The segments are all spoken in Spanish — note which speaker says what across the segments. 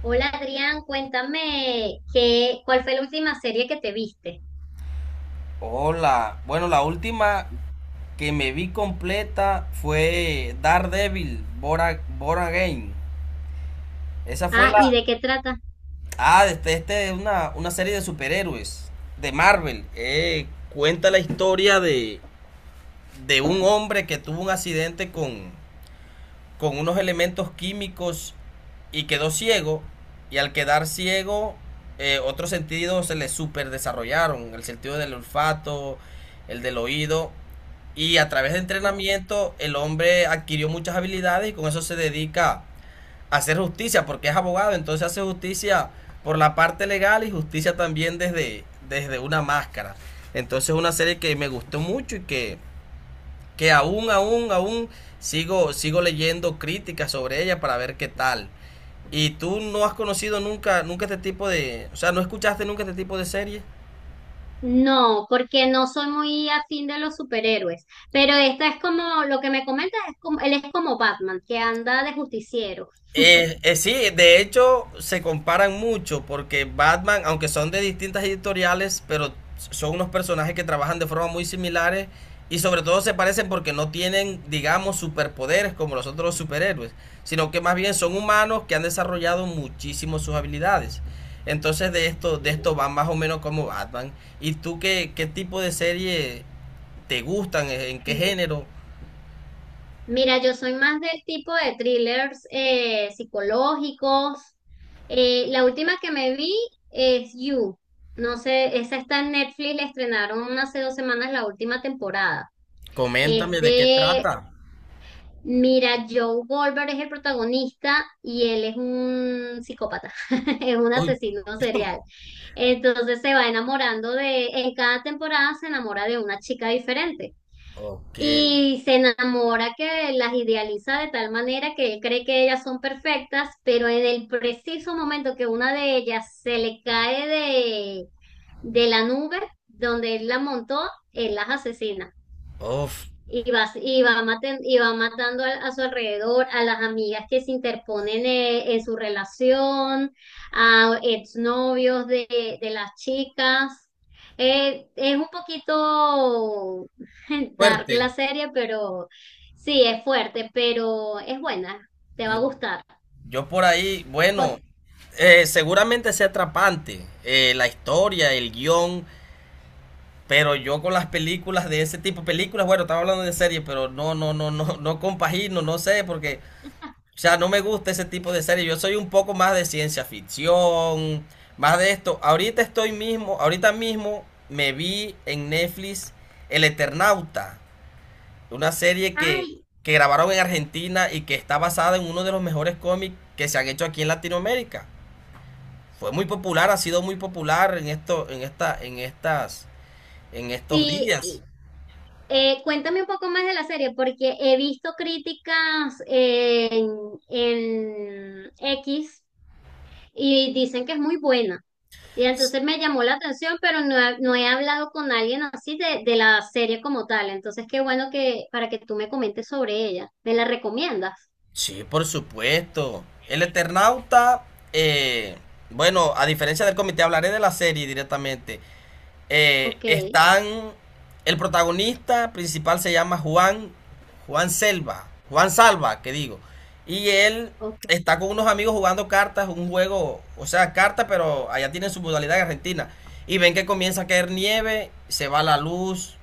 Speaker 1: Hola Adrián, cuéntame ¿cuál fue la última serie que te viste?
Speaker 2: Hola, bueno, la última que me vi completa fue Daredevil, Bora, Bora Game. Esa fue
Speaker 1: Ah, ¿y
Speaker 2: la...
Speaker 1: de qué trata?
Speaker 2: Este es una serie de superhéroes de Marvel. Cuenta la historia de un hombre que tuvo un accidente con unos elementos químicos y quedó ciego. Y al quedar ciego, otros sentidos se le super desarrollaron. El sentido del olfato, el del oído. Y a través de
Speaker 1: Oh.
Speaker 2: entrenamiento, el hombre adquirió muchas habilidades y con eso se dedica a hacer justicia, porque es abogado, entonces hace justicia por la parte legal y justicia también desde una máscara. Entonces es una serie que me gustó mucho y que aún sigo leyendo críticas sobre ella para ver qué tal. ¿Y tú no has conocido nunca este tipo de, o sea, no escuchaste nunca este tipo de series?
Speaker 1: No, porque no soy muy afín de los superhéroes, pero esta es como, lo que me comentas es como, él es como Batman, que anda de justiciero.
Speaker 2: Sí, de hecho se comparan mucho porque Batman, aunque son de distintas editoriales, pero son unos personajes que trabajan de forma muy similares y sobre todo se parecen porque no tienen, digamos, superpoderes como los otros superhéroes, sino que más bien son humanos que han desarrollado muchísimo sus habilidades. Entonces de esto van más o menos como Batman. ¿Y tú qué tipo de serie te gustan? ¿En qué género?
Speaker 1: Mira, yo soy más del tipo de thrillers psicológicos. La última que me vi es You. No sé, esa está en Netflix, la estrenaron hace 2 semanas la última temporada. Es
Speaker 2: Coméntame de qué trata.
Speaker 1: mira, Joe Goldberg es el protagonista y él es un psicópata, es un
Speaker 2: Uy,
Speaker 1: asesino serial. Entonces se va enamorando en cada temporada se enamora de una chica diferente.
Speaker 2: ok.
Speaker 1: Y se enamora que las idealiza de tal manera que él cree que ellas son perfectas, pero en el preciso momento que una de ellas se le cae de la nube donde él la montó, él las asesina.
Speaker 2: Uf,
Speaker 1: Y va y va, y va matando a su alrededor, a las amigas que se interponen en su relación, a exnovios de las chicas. Es un poquito dark
Speaker 2: fuerte.
Speaker 1: la serie, pero sí, es fuerte, pero es buena, te va a
Speaker 2: No.
Speaker 1: gustar.
Speaker 2: Yo por ahí, bueno,
Speaker 1: Oye.
Speaker 2: seguramente sea atrapante la historia, el guión, pero yo con las películas de ese tipo, películas, bueno, estaba hablando de series, pero no compagino, no sé, porque, o sea, no me gusta ese tipo de series. Yo soy un poco más de ciencia ficción, más de esto. Ahorita estoy mismo, ahorita mismo me vi en Netflix El Eternauta. Una serie
Speaker 1: Ay,
Speaker 2: que grabaron en Argentina y que está basada en uno de los mejores cómics que se han hecho aquí en Latinoamérica. Fue muy popular, ha sido muy popular en esto, en esta, en estas, en estos
Speaker 1: sí.
Speaker 2: días.
Speaker 1: Cuéntame un poco más de la serie, porque he visto críticas en X y dicen que es muy buena. Y entonces me llamó la atención, pero no he hablado con alguien así de la serie como tal. Entonces, qué bueno que para que tú me comentes sobre ella. ¿Me la recomiendas?
Speaker 2: Sí, por supuesto. El Eternauta, eh, bueno, a diferencia del comité, hablaré de la serie directamente.
Speaker 1: Ok,
Speaker 2: Están. El protagonista principal se llama Juan. Juan Selva. Juan Salva, que digo. Y él
Speaker 1: ok,
Speaker 2: está con unos amigos jugando cartas, un juego, o sea, cartas, pero allá tienen su modalidad en Argentina. Y ven que comienza a caer nieve, se va la luz,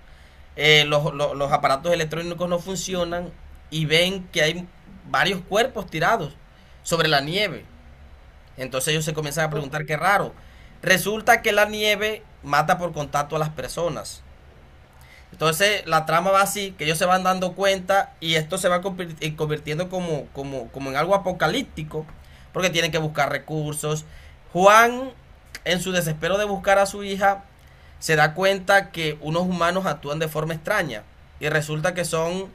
Speaker 2: los aparatos electrónicos no funcionan y ven que hay varios cuerpos tirados sobre la nieve. Entonces ellos se comienzan a
Speaker 1: ok.
Speaker 2: preguntar qué raro. Resulta que la nieve mata por contacto a las personas. Entonces la trama va así, que ellos se van dando cuenta y esto se va convirtiendo como en algo apocalíptico, porque tienen que buscar recursos. Juan, en su desespero de buscar a su hija, se da cuenta que unos humanos actúan de forma extraña y resulta que son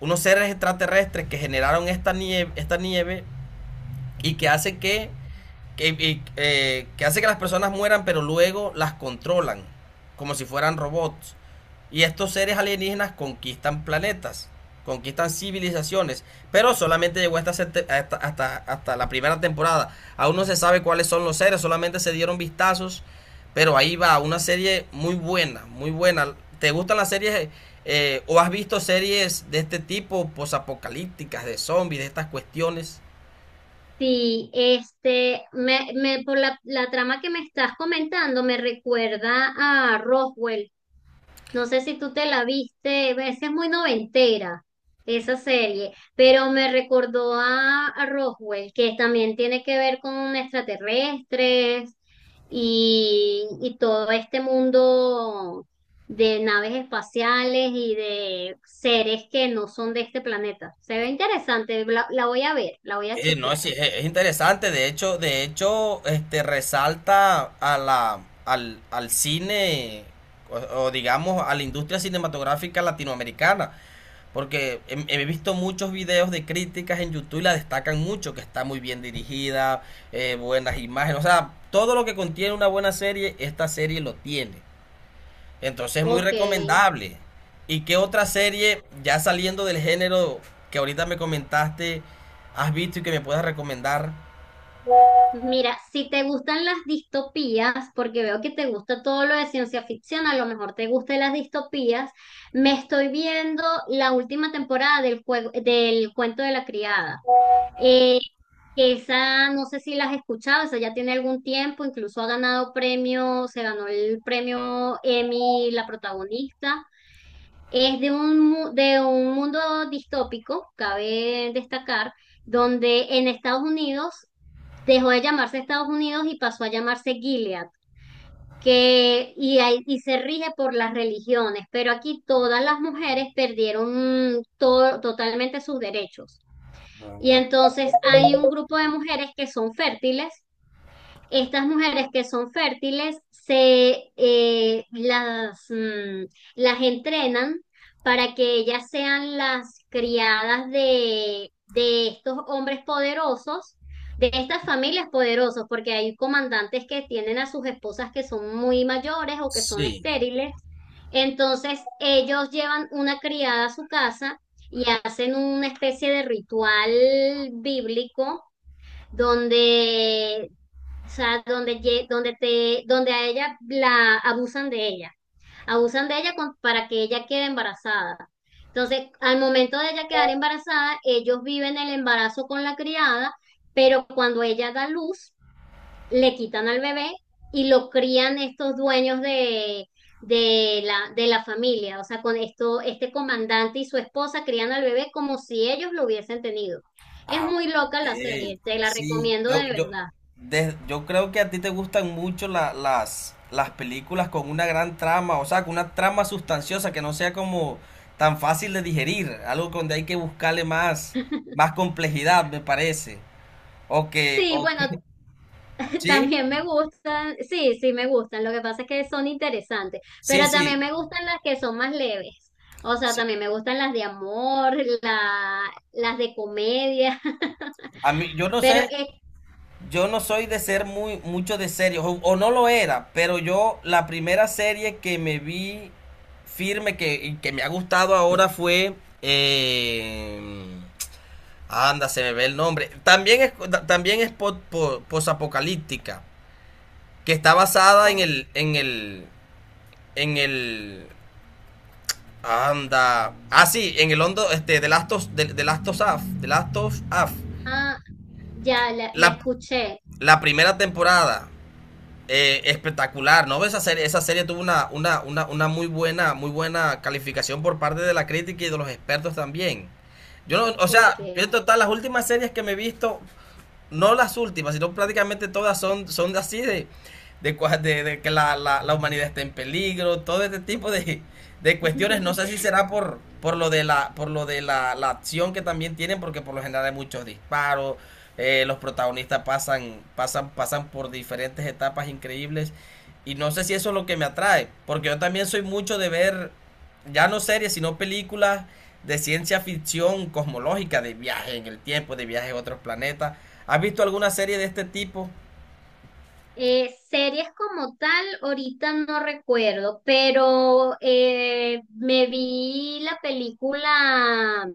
Speaker 2: unos seres extraterrestres que generaron esta nieve y que hace que, que hace que las personas mueran, pero luego las controlan, como si fueran robots. Y estos seres alienígenas conquistan planetas, conquistan civilizaciones, pero solamente llegó hasta la primera temporada. Aún no se sabe cuáles son los seres, solamente se dieron vistazos, pero ahí va, una serie muy buena, muy buena. ¿Te gustan las series o has visto series de este tipo, posapocalípticas, de zombies, de estas cuestiones?
Speaker 1: Sí, este, por la trama que me estás comentando, me recuerda a Roswell. No sé si tú te la viste, esa es muy noventera, esa serie, pero me recordó a Roswell, que también tiene que ver con extraterrestres y todo este mundo de naves espaciales y de seres que no son de este planeta. Se ve interesante, la voy a ver, la voy a
Speaker 2: No,
Speaker 1: chequear.
Speaker 2: sí, es interesante. De hecho, este resalta a al cine digamos a la industria cinematográfica latinoamericana. Porque he visto muchos videos de críticas en YouTube y la destacan mucho, que está muy bien dirigida, buenas imágenes. O sea, todo lo que contiene una buena serie, esta serie lo tiene. Entonces es muy
Speaker 1: Ok.
Speaker 2: recomendable. ¿Y qué otra serie, ya saliendo del género que ahorita me comentaste, has visto y que me puedas recomendar?
Speaker 1: Mira, si te gustan las distopías, porque veo que te gusta todo lo de ciencia ficción, a lo mejor te gustan las distopías, me estoy viendo la última temporada del juego, del cuento de la criada. Eh, que esa, no sé si la has escuchado, esa ya tiene algún tiempo, incluso ha ganado premio, se ganó el premio Emmy, la protagonista. Es de un mundo distópico, cabe destacar, donde en Estados Unidos dejó de llamarse Estados Unidos y pasó a llamarse Gilead, y se rige por las religiones, pero aquí todas las mujeres perdieron totalmente sus derechos. Y entonces hay un grupo de mujeres que son fértiles. Estas mujeres que son fértiles las entrenan para que ellas sean las criadas de estos hombres poderosos, de estas familias poderosas, porque hay comandantes que tienen a sus esposas que son muy mayores o que son
Speaker 2: Sí,
Speaker 1: estériles. Entonces ellos llevan una criada a su casa y hacen una especie de ritual bíblico donde o sea, donde, lle- donde, te, donde a ella la abusan de ella para que ella quede embarazada. Entonces, al momento de ella quedar embarazada, ellos viven el embarazo con la criada, pero cuando ella da luz, le quitan al bebé y lo crían estos dueños de la familia. O sea, con esto, este comandante y su esposa crían al bebé como si ellos lo hubiesen tenido. Es
Speaker 2: ah, ok.
Speaker 1: muy loca la serie, te la
Speaker 2: Sí,
Speaker 1: recomiendo de verdad.
Speaker 2: yo creo que a ti te gustan mucho las películas con una gran trama, o sea, con una trama sustanciosa que no sea como tan fácil de digerir, algo donde hay que buscarle más, más complejidad, me parece. O que,
Speaker 1: Sí,
Speaker 2: o que,
Speaker 1: bueno,
Speaker 2: ¿sí?
Speaker 1: también me gustan, sí, sí me gustan, lo que pasa es que son interesantes,
Speaker 2: sí,
Speaker 1: pero
Speaker 2: sí,
Speaker 1: también me gustan las que son más leves, o sea,
Speaker 2: sí,
Speaker 1: también me gustan las de amor, la, las de comedia.
Speaker 2: A mí, yo no
Speaker 1: pero
Speaker 2: sé,
Speaker 1: es-
Speaker 2: yo no soy de ser muy, mucho de series, o no lo era, pero yo la primera serie que me vi firme que, y que me ha gustado ahora fue... eh, anda, se me ve el nombre. También es posapocalíptica, que está basada en
Speaker 1: oh,
Speaker 2: el... En el... En el... Anda. Ah, sí, en el hondo, este, de de Last of Us, de Last of Us.
Speaker 1: ah, ya la
Speaker 2: La,
Speaker 1: escuché.
Speaker 2: la primera temporada. Espectacular, ¿no? Esa serie tuvo una muy buena calificación por parte de la crítica y de los expertos también. Yo no, o sea,
Speaker 1: Ok.
Speaker 2: yo en total, las últimas series que me he visto, no las últimas, sino prácticamente todas son, son así de que la humanidad está en peligro, todo este tipo de cuestiones. No sé si será por lo de la, la acción que también tienen, porque por lo general hay muchos disparos, los protagonistas pasan por diferentes etapas increíbles. Y no sé si eso es lo que me atrae, porque yo también soy mucho de ver ya no series, sino películas de ciencia ficción cosmológica, de viaje en el tiempo, de viaje a otros planetas. ¿Has visto alguna serie de este tipo?
Speaker 1: Series como tal, ahorita no recuerdo, pero me vi la película,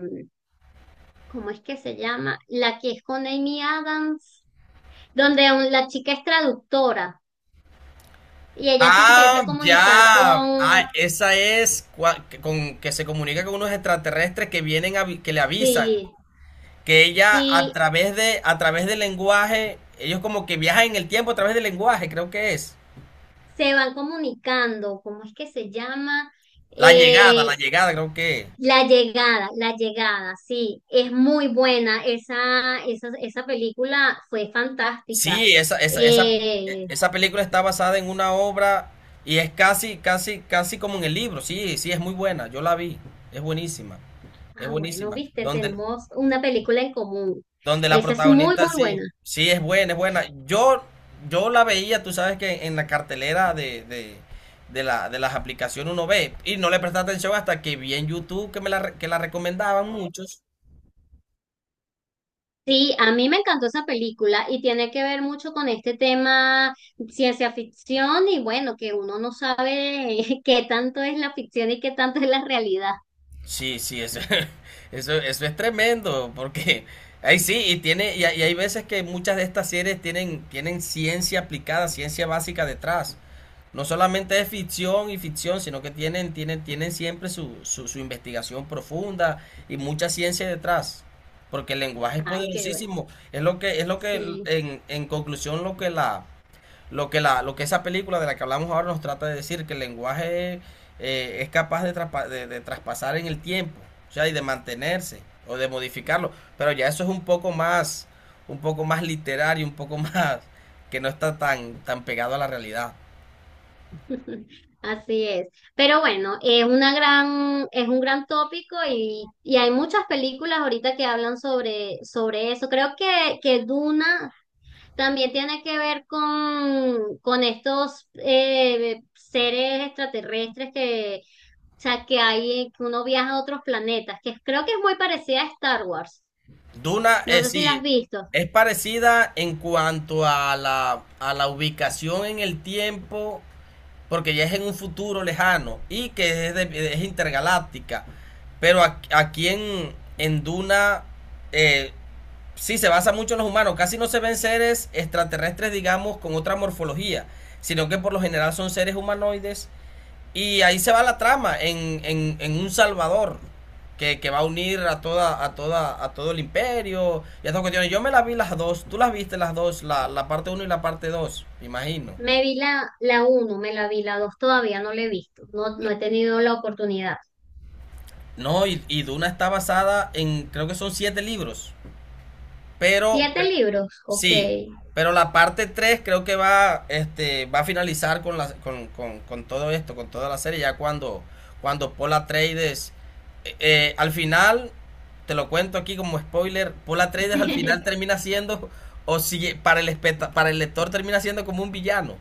Speaker 1: ¿cómo es que se llama? La que es con Amy Adams. Donde la chica es traductora y ella se empieza
Speaker 2: Ah,
Speaker 1: a comunicar
Speaker 2: ya.
Speaker 1: con,
Speaker 2: Ah, esa es con que se comunica con unos extraterrestres que vienen a, que le avisan
Speaker 1: sí,
Speaker 2: que ella a
Speaker 1: sí,
Speaker 2: través de a través del lenguaje, ellos como que viajan en el tiempo a través del lenguaje, creo que es.
Speaker 1: se van comunicando, ¿cómo es que se llama?
Speaker 2: La
Speaker 1: Eh,
Speaker 2: llegada, creo que es.
Speaker 1: la llegada, la llegada, sí, es muy buena, esa película fue fantástica.
Speaker 2: Sí,
Speaker 1: Eh,
Speaker 2: esa película está basada en una obra y es casi como en el libro. Sí, sí, es muy buena. Yo la vi. Es buenísima. Es
Speaker 1: ah, bueno,
Speaker 2: buenísima.
Speaker 1: viste,
Speaker 2: Donde,
Speaker 1: tenemos una película en común,
Speaker 2: donde la
Speaker 1: esa es muy,
Speaker 2: protagonista
Speaker 1: muy
Speaker 2: sí,
Speaker 1: buena.
Speaker 2: sí es buena, es buena. Yo la veía, tú sabes que en la cartelera de las aplicaciones uno ve y no le presta atención hasta que vi en YouTube que me que la recomendaban muchos.
Speaker 1: Sí, a mí me encantó esa película y tiene que ver mucho con este tema ciencia ficción y bueno, que uno no sabe qué tanto es la ficción y qué tanto es la realidad.
Speaker 2: Sí, sí, eso, eso es tremendo, porque ahí sí, y hay veces que muchas de estas series tienen, tienen ciencia aplicada, ciencia básica detrás. No solamente es ficción y ficción, sino que tienen siempre su investigación profunda y mucha ciencia detrás. Porque el lenguaje es
Speaker 1: Ay, qué bueno.
Speaker 2: poderosísimo.
Speaker 1: Sí.
Speaker 2: En conclusión, lo que esa película de la que hablamos ahora nos trata de decir, que el lenguaje es capaz de, de traspasar en el tiempo, o sea, y de mantenerse o de modificarlo, pero ya eso es un poco más literario, un poco más que no está tan, tan pegado a la realidad.
Speaker 1: Así es. Pero bueno, es una gran, es un gran tópico y hay muchas películas ahorita que hablan sobre eso. Creo que Duna también tiene que ver con estos seres extraterrestres que, o sea, que hay, que uno viaja a otros planetas, que creo que es muy parecida a Star Wars.
Speaker 2: Duna,
Speaker 1: No sé si la has
Speaker 2: sí,
Speaker 1: visto.
Speaker 2: es parecida en cuanto a a la ubicación en el tiempo porque ya es en un futuro lejano y que es, es intergaláctica. Pero aquí en Duna eh, sí se basa mucho en los humanos, casi no se ven seres extraterrestres, digamos, con otra morfología, sino que por lo general son seres humanoides. Y ahí se va la trama en un Salvador. Que va a unir a toda a toda a todo el imperio y a todas cuestiones. Yo me las vi las dos, tú las viste las dos, la parte uno y la parte 2, imagino.
Speaker 1: Me vi la uno, me la vi, la 2. Todavía no la he visto. No, no he tenido la oportunidad.
Speaker 2: No, y Duna está basada en, creo que son 7 libros, pero
Speaker 1: Siete libros, ok.
Speaker 2: sí, pero la parte 3 creo que va, este, va a finalizar con, con todo esto, con toda la serie, ya cuando, cuando Paul Atreides, al final, te lo cuento aquí como spoiler, Paul Atreides al final termina siendo, o si para el, para el lector termina siendo como un villano.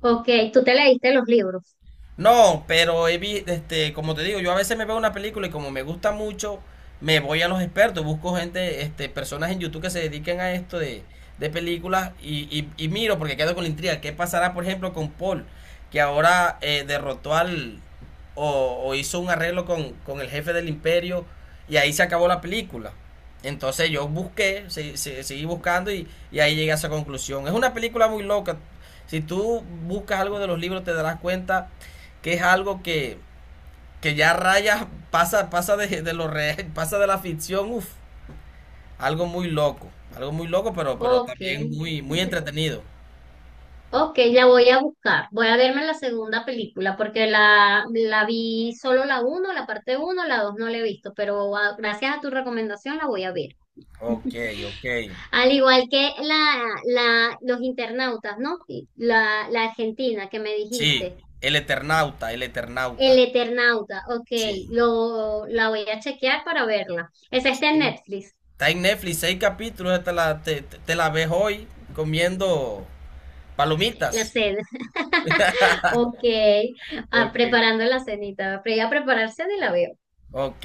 Speaker 1: Ok, tú te leíste los libros.
Speaker 2: No, pero este, como te digo, yo a veces me veo una película y como me gusta mucho, me voy a los expertos, busco gente, este, personas en YouTube que se dediquen a esto de películas y, y miro porque quedo con la intriga. ¿Qué pasará, por ejemplo, con Paul, que ahora derrotó al o hizo un arreglo con el jefe del imperio y ahí se acabó la película? Entonces yo busqué, seguí buscando y ahí llegué a esa conclusión. Es una película muy loca. Si tú buscas algo de los libros te darás cuenta que es algo que ya raya, pasa, pasa de lo re pasa de la ficción, uf algo muy loco, algo muy loco, pero
Speaker 1: Ok,
Speaker 2: también muy, muy entretenido.
Speaker 1: ok, la voy a buscar. Voy a verme la segunda película porque la vi solo la uno, la parte uno, la dos no la he visto, pero ah, gracias a tu recomendación la voy a ver.
Speaker 2: Ok, ok.
Speaker 1: Al igual que los internautas, ¿no? Y la Argentina que me
Speaker 2: Sí,
Speaker 1: dijiste.
Speaker 2: El Eternauta, El
Speaker 1: El
Speaker 2: Eternauta.
Speaker 1: Eternauta, ok,
Speaker 2: Sí.
Speaker 1: la voy a chequear para verla. Esa está en
Speaker 2: sí.
Speaker 1: Netflix,
Speaker 2: Está en Netflix, 6 capítulos, te la ves hoy comiendo
Speaker 1: la
Speaker 2: palomitas.
Speaker 1: sé. Ok, ah,
Speaker 2: Ok.
Speaker 1: preparando la cenita. Pero ya prepararse ni la veo.
Speaker 2: Ok.